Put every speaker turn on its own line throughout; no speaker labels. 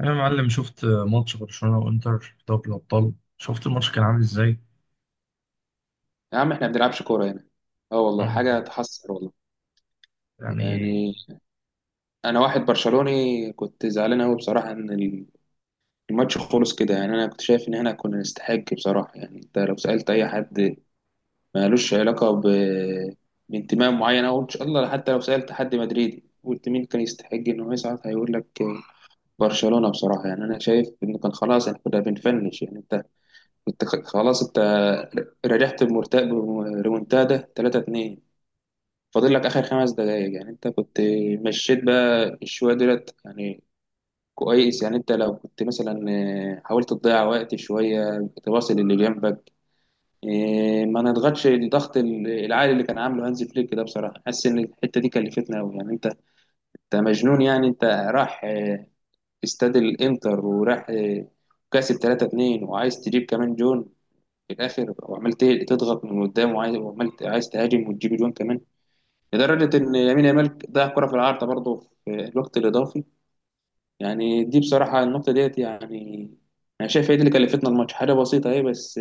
أنا يا معلم شفت ماتش برشلونة وإنتر في دوري الأبطال. شفت الماتش كان عامل إزاي؟
يا عم احنا ما بنلعبش كورة هنا. اه والله،
آه
حاجة
والله.
تحسر والله.
يعني،
يعني، انا واحد برشلوني كنت زعلان قوي بصراحة ان الماتش خلص كده. يعني انا كنت شايف ان احنا كنا نستحق بصراحة. يعني انت لو سألت اي حد مالوش علاقة بانتماء معين او ان شاء الله، حتى لو سألت حد مدريدي قلت مين كان يستحق انه يصعد، هيقول لك برشلونة بصراحة. يعني انا شايف ان كان خلاص احنا كنا بنفنش. يعني انت كنت خلاص، انت رجعت بمرتاح بريمونتادا 3-2، فاضل لك اخر خمس دقايق. يعني انت كنت مشيت بقى شويه دولت يعني. كويس يعني. انت لو كنت مثلا حاولت تضيع وقت شويه، تواصل اللي جنبك، ما نضغطش الضغط العالي اللي كان عامله هانز فليك، ده بصراحه حاسس ان الحته دي كلفتنا قوي. يعني انت مجنون. يعني انت راح استاد الانتر وراح كاسب 3-2، وعايز تجيب كمان جون في الاخر، تضغط من قدام، عايز تهاجم وتجيب جون كمان، لدرجة إن يمين يامال ضيع كرة في العارضة برضه في الوقت الإضافي. يعني دي بصراحة النقطة ديت. يعني أنا شايف هي دي اللي كلفتنا الماتش، حاجة بسيطة أهي، بس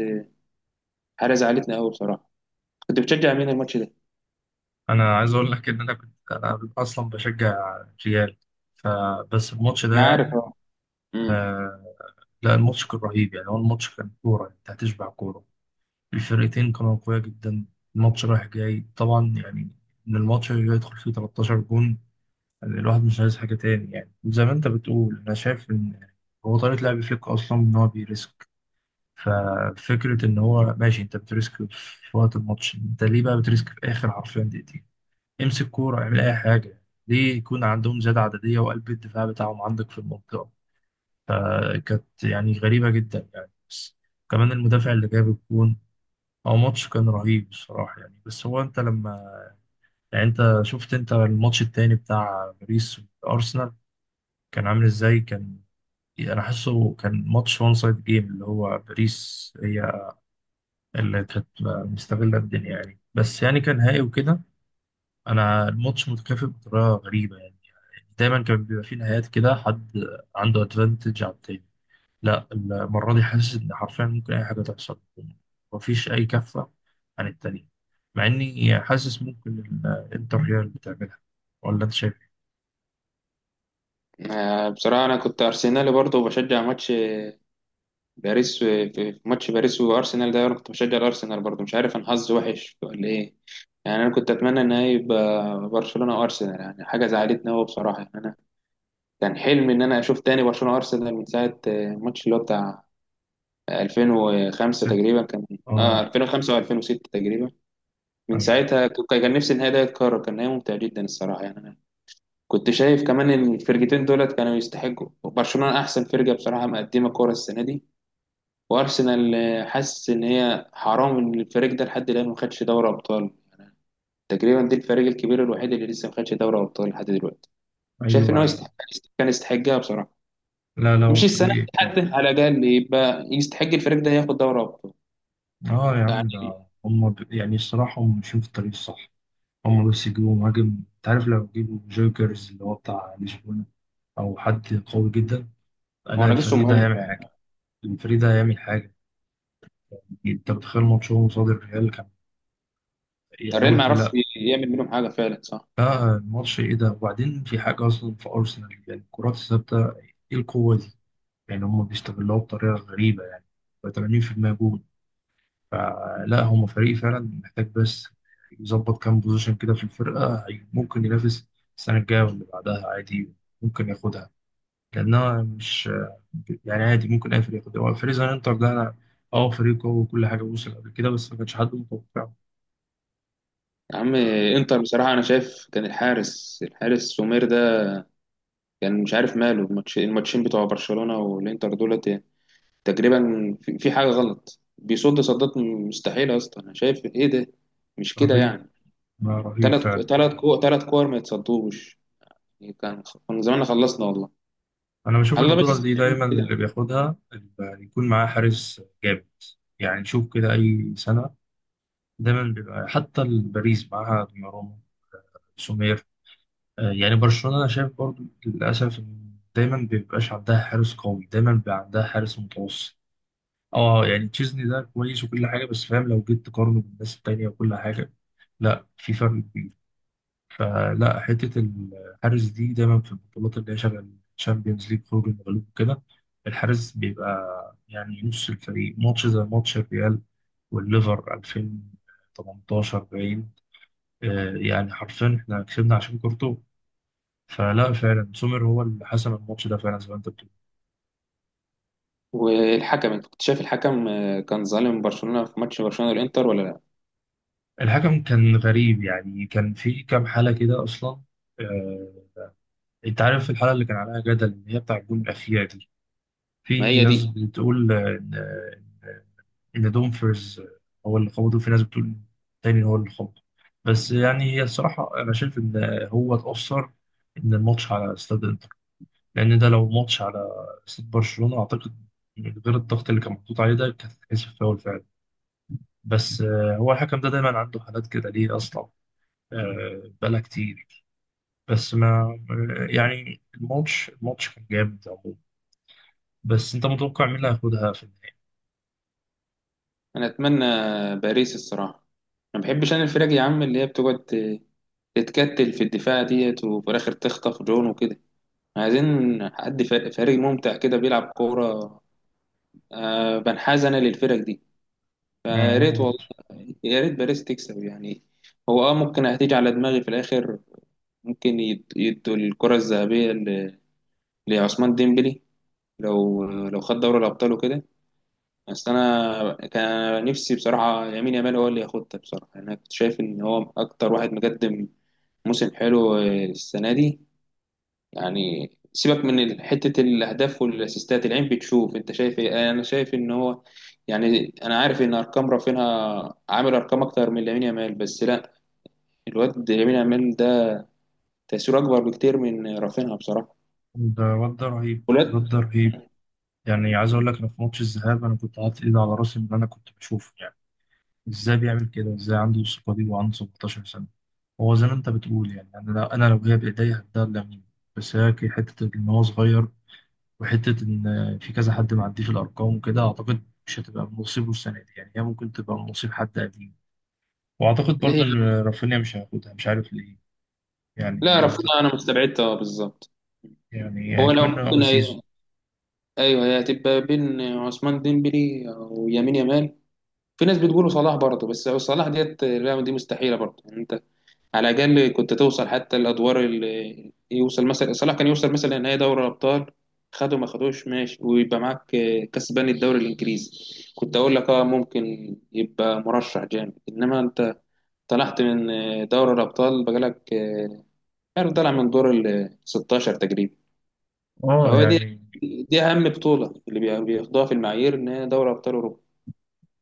حاجة زعلتنا أوي بصراحة. كنت بتشجع مين الماتش ده؟
أنا عايز أقول لك إن أنا كنت أصلا بشجع ريال. فبس الماتش ده
انا عارف
يعني،
اه. امم.
آه لا، الماتش كان رهيب. يعني هو الماتش كان كورة، أنت هتشبع كورة. الفرقتين كانوا قوية جدا، الماتش رايح جاي طبعا. يعني إن الماتش اللي يدخل فيه 13 جون، يعني الواحد مش عايز حاجة تاني. يعني زي ما أنت بتقول، أنا شايف إن هو طريقة لعب فليك أصلا إن هو بيريسك. ففكرة إن هو ماشي، أنت بتريسك في وقت الماتش، أنت ليه بقى بتريسك في آخر حرفيا دقيقتين؟ امسك كورة، اعمل أي حاجة. ليه يكون عندهم زيادة عددية وقلب الدفاع بتاعهم عندك في المنطقة؟ فكانت يعني غريبة جدا يعني، بس كمان المدافع اللي جاب الجون. هو ماتش كان رهيب بصراحة يعني، بس هو أنت لما، يعني أنت شفت أنت الماتش التاني بتاع باريس وأرسنال كان عامل إزاي؟ كان يعني أنا حاسه كان ماتش وان سايد جيم، اللي هو باريس هي اللي كانت مستغلة الدنيا يعني. بس يعني كان نهائي وكده. أنا الماتش متكافئ بطريقة غريبة يعني، دايما كان بيبقى فيه نهايات كده حد عنده أدفانتج على التاني. لا المرة دي حاسس إن حرفيا ممكن أي حاجة تحصل، مفيش أي كفة عن التانية. مع إني حاسس ممكن الإنتر هي اللي بتعملها. ولا أنت شايف إيه؟
بصراحة أنا كنت أرسنالي برضه، وبشجع ماتش باريس في ماتش باريس وأرسنال ده، أنا كنت بشجع الأرسنال برضه. مش عارف أنا حظي وحش ولا إيه. يعني أنا كنت أتمنى إن هي يبقى برشلونة وأرسنال. يعني حاجة زعلتني أوي بصراحة. يعني أنا كان حلمي ان انا اشوف تاني برشلونه وارسنال من ساعه الماتش اللي هو بتاع 2005
ست.
تقريبا كان. اه
آه.
2005 و2006 تقريبا. من
أيوه،
ساعتها كان نفسي النهائي ده يتكرر. كان نهائي ممتع جدا الصراحه. يعني انا كنت شايف كمان إن الفرقتين دولت كانوا يستحقوا. برشلونه احسن فرقه بصراحه مقدمه كوره السنه دي. وارسنال حاسس ان هي حرام ان الفريق ده لحد الان ما خدش دوري ابطال. تقريبا دي الفريق الكبير الوحيد اللي لسه ما خدش دوري ابطال لحد دلوقتي. شايف ان هو
أيوه.
يستحق، كان يستحقها بصراحه.
لا، لا، هو
مش السنه
فريق
دي حتى،
إقامة.
على الاقل يبقى يستحق الفريق ده ياخد دوري ابطال.
آه يا عم،
يعني
ده هم يعني، الصراحة هم ماشيين في الطريق الصح. هم بس يجيبوا مهاجم. انت عارف، لو جيبوا جوكرز اللي هو بتاع لشبونة، او حد قوي جدا،
هو
لا
انا لسه
الفريق ده
مهاجم
هيعمل حاجه.
فعلا.
الفريق ده هيعمل حاجه. انت متخيل ماتشهم قصاد الريال كان؟ يعني انا
الريال ما
قلت
يعرفش
لا.
يعمل منهم حاجه فعلا، صح.
لا، الماتش ايه ده! وبعدين في حاجه اصلا في ارسنال، يعني الكرات الثابته، ايه القوه دي؟ يعني هم بيستغلوها بطريقه غريبه يعني، 80% جول. فلا هم فريق فعلا محتاج بس يظبط كام بوزيشن كده في الفرقه، ممكن ينافس السنه الجايه واللي بعدها عادي، ممكن ياخدها. لأنها مش، يعني عادي ممكن أي فريق ياخد. هو فريق زننتر ده، أنا أه، فريق قوي وكل حاجة، وصل قبل كده بس ما كانش حد متوقعه.
يا عم انتر بصراحه، انا شايف كان الحارس، الحارس سومير ده كان مش عارف ماله. الماتش، الماتشين بتوع برشلونه والانتر دولت، يعني تقريبا في حاجه غلط. بيصد صدات مستحيله اصلا. انا شايف ايه ده، مش كده
رهيب،
يعني.
ما رهيب فعلا.
تلات كور ما يتصدوش. كان زماننا خلصنا والله.
أنا بشوف
الله بس،
البطولة دي دايما اللي
كده.
بياخدها اللي يكون معاه حارس جامد. يعني نشوف كده أي سنة دايما بيبقى، حتى باريس معاها دوناروما، سومير. يعني برشلونة أنا شايف برضو للأسف إن دايما بيبقاش عندها حارس قوي، دايما بيبقى عندها حارس متوسط. اه يعني تشيزني ده كويس وكل حاجه، بس فاهم لو جيت تقارنه بالناس التانيه وكل حاجه، لا في فرق كبير. فلا، حته الحارس دي دايما في البطولات اللي هي شغال تشامبيونز ليج، خروج المغلوب وكده، الحارس بيبقى يعني نص الفريق. ماتش زي ماتش الريال والليفر 2018 باين، يعني حرفيا احنا كسبنا عشان كورتو. فلا فعلا سومر هو اللي حسم الماتش ده فعلا زي ما انت بتقول.
والحكم، انت كنت شايف الحكم كان ظالم برشلونة في ماتش برشلونة والانتر ولا لا؟
الحكم كان غريب يعني، كان في كام حاله كده اصلا. آه، انت عارف الحلقه اللي كان عليها جدل ان هي بتاع الجون الاخيره دي.
ما
في
هي
ناس
دي.
بتقول ان دومفرز هو اللي خبطه، وفي ناس بتقول تاني هو اللي خبطه. بس يعني هي الصراحه انا شايف ان هو اتاثر ان الماتش على استاد انتر، لان ده لو ماتش على استاد برشلونه اعتقد من غير الضغط اللي كان محطوط عليه ده كانت هتتحسب فاول فعلا. بس هو الحكم ده دايما عنده حالات كده ليه اصلا؟ بقالها كتير. بس ما يعني، الماتش كان جامد عموما. بس انت متوقع مين اللي هياخدها في النهاية؟
انا اتمنى باريس الصراحة. ما بحبش انا الفرق يا عم اللي هي بتقعد تتكتل في الدفاع ديت وفي الاخر تخطف جون وكده. عايزين حد فريق ممتع كده بيلعب كورة. بنحاز انا للفرق دي.
آه،
فيا
وانا
ريت
برضه.
والله، يا ريت باريس تكسب يعني. هو اه ممكن هتيجي على دماغي في الاخر. ممكن يدوا الكرة الذهبية لعثمان ديمبلي، لو لو خد دوري الابطال وكده. بس انا كان نفسي بصراحه يمين يامال هو اللي ياخدها بصراحه. يعني انا كنت شايف ان هو اكتر واحد مقدم موسم حلو السنه دي. يعني سيبك من حته الاهداف والاسيستات، العين بتشوف. انت شايف ايه؟ انا شايف ان هو، يعني انا عارف ان ارقام رافينها عامل ارقام اكتر من لامين يامال، بس لا، الواد لامين يامال ده تاثيره اكبر بكتير من رافينها بصراحه.
ده الواد ده رهيب، الواد
ولاد.
ده رهيب. يعني عايز اقول لك، انا في ماتش الذهاب انا كنت حاطط ايدي على راسي من اللي انا كنت بشوفه. يعني ازاي بيعمل كده؟ ازاي عنده الثقة دي وعنده 17 سنة؟ هو زي ما انت بتقول، يعني أنا لو هي بايديا هديها لامين. بس هي حتة ان هو صغير، وحتة ان في كذا حد معدي في الارقام وكده، اعتقد مش هتبقى من نصيبه السنة دي. يعني هي ممكن تبقى من نصيب حد قديم، واعتقد برضو
ليه؟
ان رافينيا مش هياخدها، مش عارف ليه. يعني
لا رافينها انا مستبعدها بالظبط.
يعني
هو لو
أكملنا أول
ممكن،
سيزون.
ايوه هي هتبقى بين عثمان ديمبلي ويمين يامال. في ناس بتقول صلاح برضه، بس صلاح ديت الرقم دي مستحيله برضه. يعني انت على الاقل كنت توصل حتى الادوار اللي يوصل. مثلا صلاح كان يوصل مثلا نهائي دوري الابطال، خده ما خدوش ماشي، ويبقى معاك كسبان الدوري الانجليزي، كنت اقول لك اه ممكن يبقى مرشح جامد. انما انت طلعت من دوري الابطال بقالك، عارف، طالع من دور ال 16 تقريبا.
اه
فهو دي
يعني،
دي اهم بطوله اللي بياخدوها في المعايير، ان هي دوري ابطال اوروبا.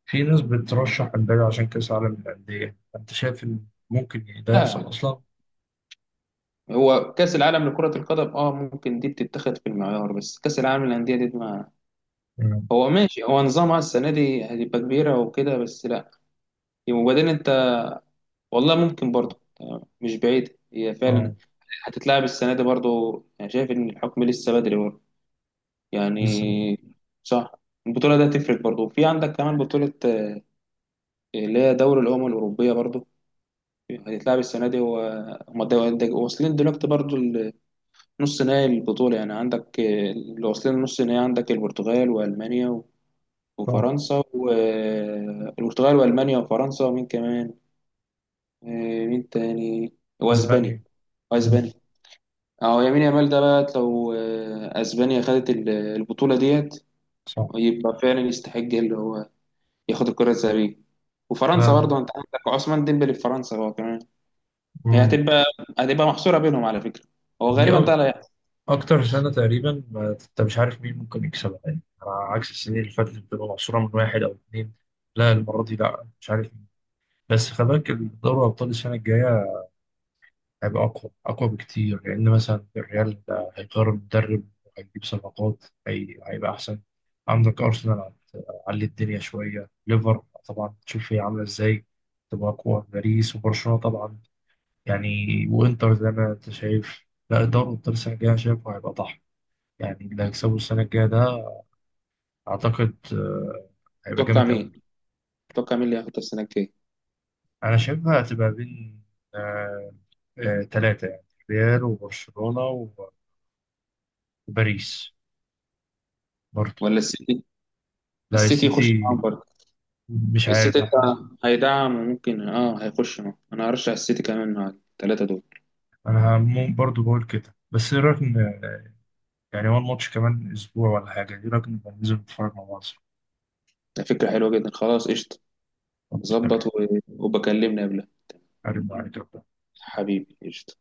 في ناس بترشح امبابي عشان كأس العالم للأندية، أنت شايف إن ممكن يعني ده
لا يا
يحصل
عم.
أصلا؟
هو كاس العالم لكره القدم اه ممكن دي بتتخذ في المعيار، بس كاس العالم للانديه دي ما،
مم.
هو ماشي، هو نظامها السنه دي هتبقى كبيره وكده بس لا. وبعدين انت، والله ممكن برضه مش بعيد هي فعلا
اه.
هتتلعب السنه دي برضه. انا شايف ان الحكم لسه بدري برضه يعني.
بس
صح. البطوله دي هتفرق برضه. في عندك كمان بطوله اللي هي دوري الامم الاوروبيه برضه، هيتلعب السنة دي وهم واصلين دلوقتي برضو نص نهائي البطولة. يعني عندك اللي واصلين نص نهائي، عندك البرتغال وألمانيا
صح.
وفرنسا والبرتغال وألمانيا وفرنسا ومين كمان، مين تاني، وأسبانيا.
أسبانيا. مم.
وأسبانيا. أهو يمين يامال ده بقى، لو أسبانيا خدت البطولة ديت،
صح.
يبقى فعلا يستحق اللي هو ياخد الكرة الذهبية. وفرنسا
لا.
برضه، أنت عندك عثمان ديمبلي في فرنسا هو كمان. هي
مم.
هتبقى محصورة بينهم على فكرة. هو
دي
غالبا ده
أ-
اللي هيحصل.
أكتر سنة تقريبا، ما أنت مش عارف مين ممكن يكسبها، يعني على عكس السنين اللي فاتت بتبقى محصورة من واحد أو اتنين. لا المرة دي لا، مش عارف مين. بس خلي بالك دوري أبطال السنة الجاية هيبقى أقوى، أقوى بكتير. لأن مثلا الريال هيغير المدرب وهيجيب صفقات، هيبقى أحسن. عندك أرسنال علي الدنيا شوية. ليفر طبعا تشوف هي عاملة إزاي، تبقى أقوى. باريس وبرشلونة طبعا، يعني. وإنتر زي ما أنت شايف. لا، الدوري الأبطال السنة الجاية شايفه هيبقى طحن. يعني اللي هيكسبه السنة الجاية ده أعتقد هيبقى
تتوقع
جامد
مين
أوي.
تتوقع مين اللي هياخد السنة الجاية؟
أنا شايفها هتبقى بين آه، تلاتة يعني، ريال وبرشلونة وباريس برضه.
ولا السيتي؟
لا
السيتي يخش
السيتي.
معاهم برضه.
مش عارف،
السيتي
انا
انت هيدعم، وممكن اه هيخش معاهم. انا هرشح السيتي كمان مع الثلاثة دول.
انا برضو بقول كده. بس ايه رايك يعني هو الماتش كمان اسبوع ولا حاجه، ايه رايك نبقى ننزل نتفرج مع بعض؟
ده فكرة حلوة جدا. خلاص قشطة.
خلاص،
ظبط
تمام.
وبكلمني قبلها.
هرد عليك.
حبيبي قشطة.